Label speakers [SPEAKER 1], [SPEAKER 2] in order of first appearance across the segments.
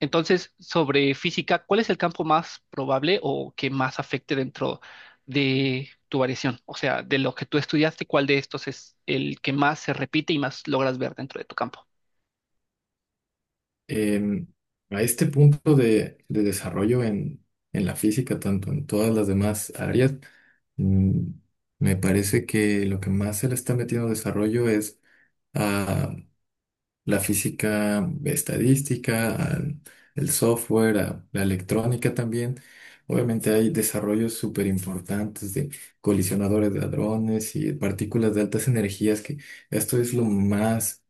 [SPEAKER 1] Entonces, sobre física, ¿cuál es el campo más probable o que más afecte dentro de tu variación? O sea, de lo que tú estudiaste, ¿cuál de estos es el que más se repite y más logras ver dentro de tu campo?
[SPEAKER 2] em, a este punto de desarrollo en la física, tanto en todas las demás áreas, mm, me parece que lo que más se le está metiendo desarrollo es a la física estadística, al el software, a la electrónica también. Obviamente hay desarrollos súper importantes de colisionadores de hadrones y partículas de altas energías, que esto es lo más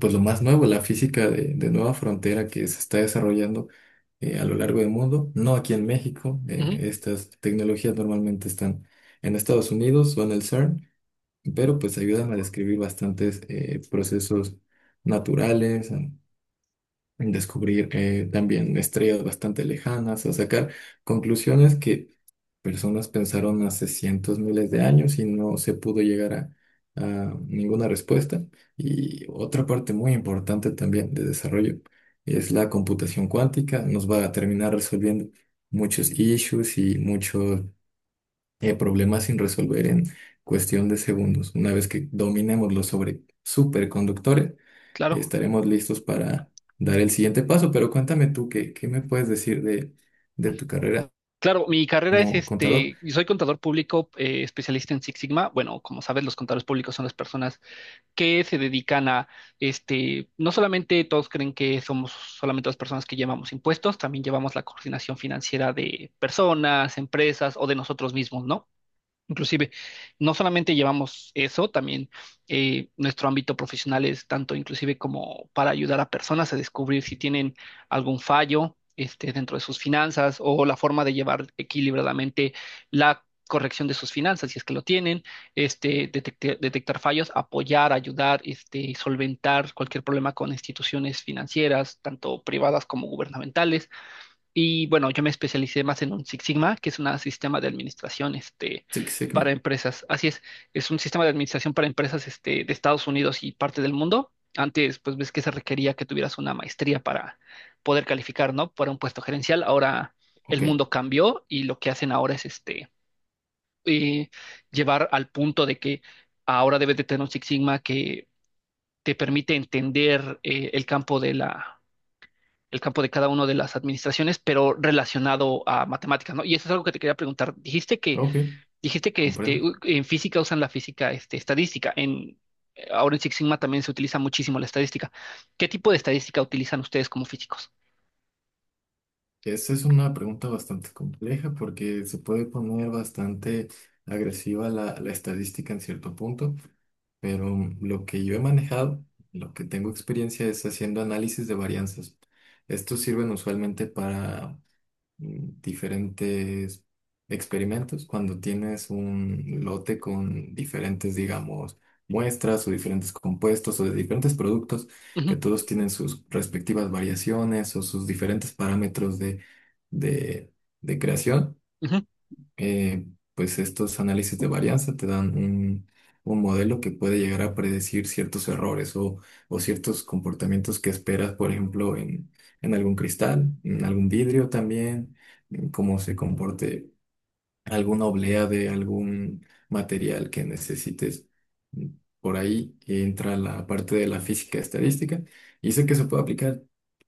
[SPEAKER 2] pues lo más nuevo, la física de nueva frontera que se está desarrollando a lo largo del mundo, no aquí en México.
[SPEAKER 1] Ujú.
[SPEAKER 2] Estas tecnologías normalmente están en Estados Unidos o en el CERN, pero pues ayudan a describir bastantes procesos naturales, en descubrir también estrellas bastante lejanas, o sacar conclusiones que personas pensaron hace cientos, miles de años y no se pudo llegar a ninguna respuesta. Y otra parte muy importante también de desarrollo es la computación cuántica, nos va a terminar resolviendo muchos issues y muchos problemas sin resolver en cuestión de segundos. Una vez que dominemos los sobre superconductores,
[SPEAKER 1] Claro.
[SPEAKER 2] estaremos listos para dar el siguiente paso. Pero cuéntame tú, ¿qué me puedes decir de tu carrera
[SPEAKER 1] Claro, mi carrera es
[SPEAKER 2] como contador?
[SPEAKER 1] yo soy contador público, especialista en Six Sigma. Bueno, como sabes, los contadores públicos son las personas que se dedican a este, no solamente todos creen que somos solamente las personas que llevamos impuestos, también llevamos la coordinación financiera de personas, empresas o de nosotros mismos, ¿no? Inclusive, no solamente llevamos eso, también nuestro ámbito profesional es tanto inclusive como para ayudar a personas a descubrir si tienen algún fallo dentro de sus finanzas o la forma de llevar equilibradamente la corrección de sus finanzas, si es que lo tienen, detectar fallos, apoyar, ayudar, solventar cualquier problema con instituciones financieras, tanto privadas como gubernamentales. Y bueno, yo me especialicé más en un Six Sigma, que es un sistema de administración
[SPEAKER 2] Six Sigma.
[SPEAKER 1] para empresas. Así es un sistema de administración para empresas de Estados Unidos y parte del mundo. Antes, pues ves que se requería que tuvieras una maestría para poder calificar, ¿no? Para un puesto gerencial. Ahora el
[SPEAKER 2] Ok,
[SPEAKER 1] mundo cambió y lo que hacen ahora es eh, llevar al punto de que ahora debes de tener un Six Sigma que te permite entender el campo de la el campo de cada una de las administraciones, pero relacionado a matemáticas, ¿no? Y eso es algo que te quería preguntar. Dijiste que,
[SPEAKER 2] ok,
[SPEAKER 1] dijiste que
[SPEAKER 2] comprendo.
[SPEAKER 1] en física usan la física estadística. Ahora en Six Sigma también se utiliza muchísimo la estadística. ¿Qué tipo de estadística utilizan ustedes como físicos?
[SPEAKER 2] Esa es una pregunta bastante compleja porque se puede poner bastante agresiva la estadística en cierto punto. Pero lo que yo he manejado, lo que tengo experiencia es haciendo análisis de varianzas. Estos sirven usualmente para diferentes experimentos, cuando tienes un lote con diferentes, digamos, muestras o diferentes compuestos o de diferentes productos que
[SPEAKER 1] Ujú,
[SPEAKER 2] todos tienen sus respectivas variaciones o sus diferentes parámetros de de creación.
[SPEAKER 1] ujú.
[SPEAKER 2] eh, pues estos análisis de varianza te dan un modelo que puede llegar a predecir ciertos errores o ciertos comportamientos que esperas, por ejemplo, en algún cristal, en algún vidrio también, en cómo se comporte alguna oblea de algún material que necesites. mm, Por ahí entra la parte de la física estadística y sé que se puede aplicar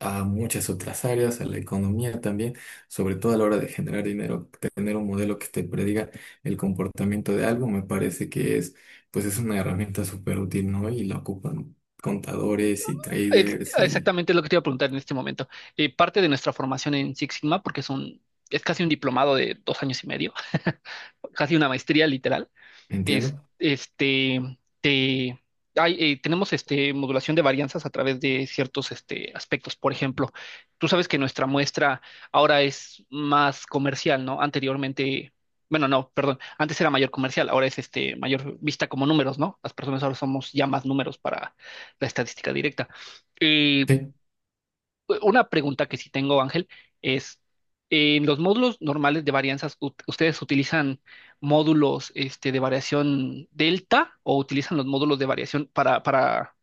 [SPEAKER 2] a muchas otras áreas, a la economía también, sobre todo a la hora de generar dinero, tener un modelo que te prediga el comportamiento de algo, me parece que es, pues es una herramienta súper útil, ¿no? Y la ocupan contadores y traders y
[SPEAKER 1] Exactamente es lo que te iba a preguntar en este momento. Parte de nuestra formación en Six Sigma, porque es casi un diplomado de dos años y medio, casi una maestría literal es-
[SPEAKER 2] ¿entiendo?
[SPEAKER 1] este, te- hay, tenemos modulación de varianzas a través de ciertos aspectos. Por ejemplo, tú sabes que nuestra muestra ahora es más comercial, ¿no? Anteriormente, bueno, no, perdón, antes era mayor comercial, ahora es mayor vista como números, ¿no? Las personas ahora somos ya más números para la estadística directa. Eh,
[SPEAKER 2] Sí,
[SPEAKER 1] Una pregunta que sí tengo, Ángel, es, en los módulos normales de varianzas, ustedes utilizan módulos de variación delta o utilizan los módulos de variación para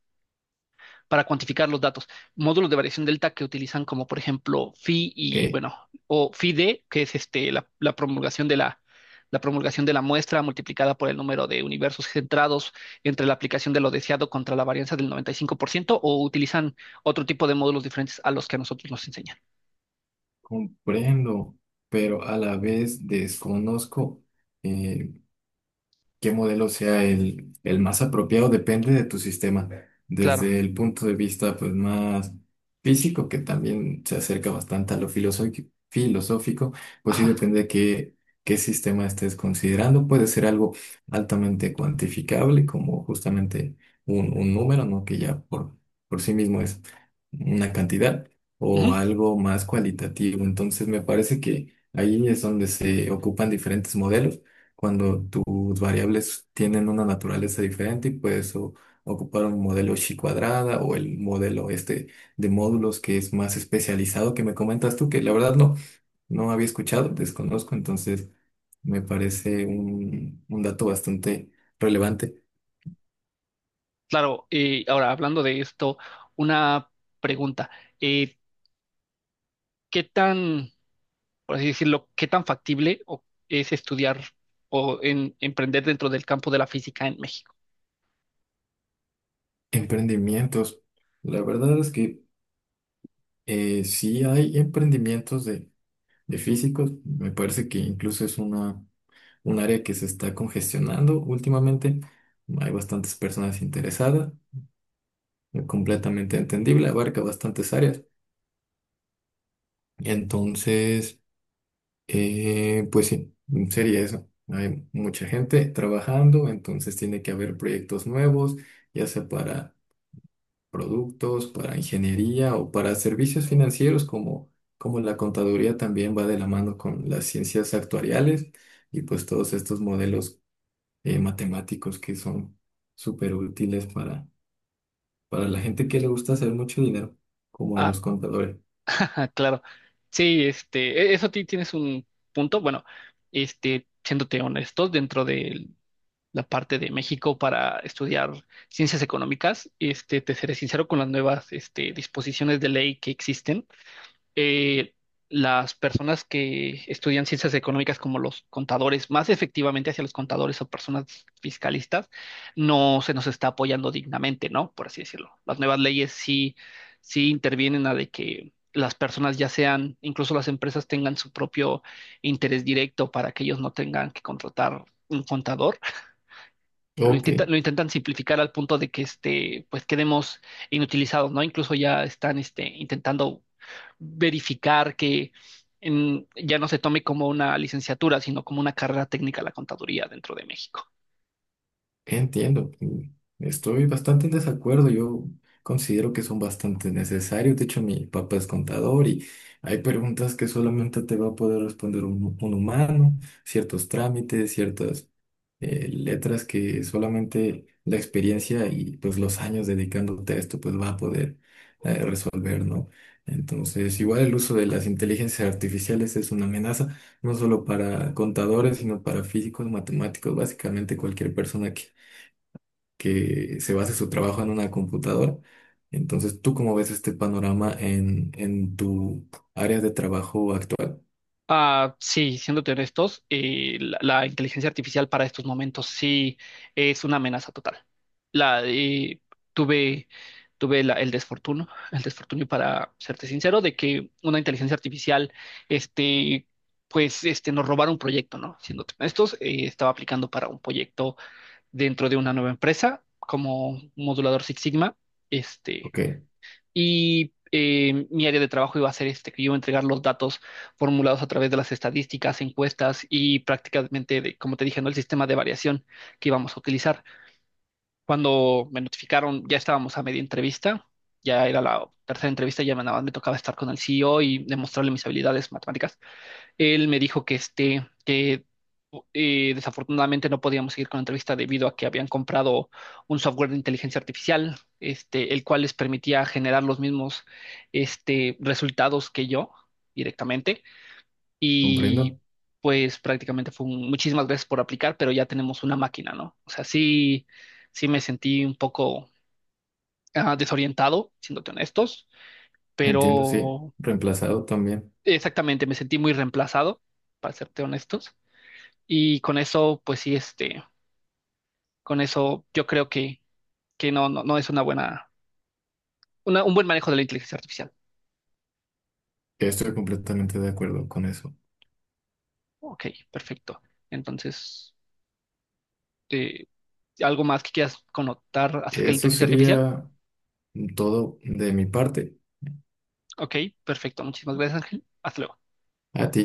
[SPEAKER 1] para cuantificar los datos? Módulos de variación delta que utilizan como, por ejemplo, phi y,
[SPEAKER 2] ok.
[SPEAKER 1] bueno, o phi d, que es la promulgación de la, la promulgación de la muestra multiplicada por el número de universos centrados entre la aplicación de lo deseado contra la varianza del 95%, o utilizan otro tipo de módulos diferentes a los que a nosotros nos enseñan.
[SPEAKER 2] Comprendo, pero a la vez desconozco, eh, qué modelo sea el más apropiado depende de tu sistema.
[SPEAKER 1] Claro.
[SPEAKER 2] Desde el punto de vista pues más físico, que también se acerca bastante a lo filosófico, filosófico, pues sí
[SPEAKER 1] Ajá.
[SPEAKER 2] depende de qué sistema estés considerando. Puede ser algo altamente cuantificable, como justamente un número, ¿no? Que ya por sí mismo es una cantidad, o
[SPEAKER 1] Ujú.
[SPEAKER 2] algo más cualitativo. Entonces me parece que ahí es donde se ocupan diferentes modelos cuando sus variables tienen una naturaleza diferente y puedes ocupar un modelo chi cuadrada o el modelo este de módulos que es más especializado que me comentas tú, que la verdad no, no había escuchado, desconozco, entonces me parece un dato bastante relevante.
[SPEAKER 1] Claro, ahora hablando de esto, una pregunta. Eh, ¿Qué tan por así decirlo, qué tan factible es estudiar o emprender dentro del campo de la física en México?
[SPEAKER 2] Emprendimientos. La verdad es que sí hay emprendimientos de físicos, me parece que incluso es un área que se está congestionando últimamente. Hay bastantes personas interesadas. Completamente entendible, abarca bastantes áreas. Entonces, pues sí, sería eso. Hay mucha gente trabajando, entonces tiene que haber proyectos nuevos, ya sea para productos, para ingeniería o para servicios financieros, como, como la contaduría también va de la mano con las ciencias actuariales y pues todos estos modelos matemáticos que son súper útiles para la gente que le gusta hacer mucho dinero, como a
[SPEAKER 1] Ah,
[SPEAKER 2] los contadores.
[SPEAKER 1] ajá, claro. Sí, eso tienes un punto. Bueno, siéndote honestos, dentro de la parte de México para estudiar ciencias económicas, te seré sincero con las nuevas, disposiciones de ley que existen. eh, las personas que estudian ciencias económicas como los contadores, más efectivamente hacia los contadores o personas fiscalistas, no se nos está apoyando dignamente, ¿no? Por así decirlo. Las nuevas leyes sí intervienen a de que las personas ya sean, incluso las empresas tengan su propio interés directo para que ellos no tengan que contratar un contador.
[SPEAKER 2] Ok.
[SPEAKER 1] Lo intentan simplificar al punto de que pues quedemos inutilizados, ¿no? Incluso ya están intentando verificar que ya no se tome como una licenciatura, sino como una carrera técnica la contaduría dentro de México.
[SPEAKER 2] Entiendo, estoy bastante en desacuerdo, yo considero que son bastante necesarios, de hecho mi papá es contador y hay preguntas que solamente te va a poder responder un humano, ciertos trámites, ciertas letras que solamente la experiencia y pues los años dedicándote a esto pues va a poder resolver, ¿no? Entonces, igual el uso de las inteligencias artificiales es una amenaza no solo para contadores, sino para físicos, matemáticos, básicamente cualquier persona que se base su trabajo en una computadora. Entonces, ¿tú cómo ves este panorama en tu área de trabajo actual?
[SPEAKER 1] Ah, sí, siéndote honestos, la, la inteligencia artificial para estos momentos sí es una amenaza total. La, eh, tuve tuve el desfortuno, el desfortunio para serte sincero, de que una inteligencia artificial, este, nos robara un proyecto, ¿no? Siéndote honestos, estaba aplicando para un proyecto dentro de una nueva empresa como modulador Six Sigma, este.
[SPEAKER 2] Ok,
[SPEAKER 1] Y mi área de trabajo iba a ser que yo iba a entregar los datos formulados a través de las estadísticas, encuestas y prácticamente, como te dije, ¿no? El sistema de variación que íbamos a utilizar. Cuando me notificaron, ya estábamos a media entrevista, ya era la tercera entrevista, nada más me tocaba estar con el CEO y demostrarle mis habilidades matemáticas. Él me dijo que desafortunadamente no podíamos seguir con la entrevista debido a que habían comprado un software de inteligencia artificial, el cual les permitía generar los mismos, resultados que yo directamente. Y
[SPEAKER 2] comprendo,
[SPEAKER 1] pues prácticamente fue un, muchísimas gracias por aplicar, pero ya tenemos una máquina, ¿no? O sea, sí, sí me sentí un poco ah, desorientado, siéndote honestos,
[SPEAKER 2] entiendo, sí,
[SPEAKER 1] pero
[SPEAKER 2] reemplazado también.
[SPEAKER 1] exactamente me sentí muy reemplazado, para serte honestos. Y con eso, pues sí, con eso yo creo que no, no, no es una buena, un buen manejo de la inteligencia artificial.
[SPEAKER 2] Estoy completamente de acuerdo con eso.
[SPEAKER 1] Ok, perfecto. Entonces, eh, ¿algo más que quieras connotar acerca de la
[SPEAKER 2] Eso
[SPEAKER 1] inteligencia artificial?
[SPEAKER 2] sería todo de mi parte.
[SPEAKER 1] Ok, perfecto. Muchísimas gracias, Ángel. Hasta luego.
[SPEAKER 2] A ti.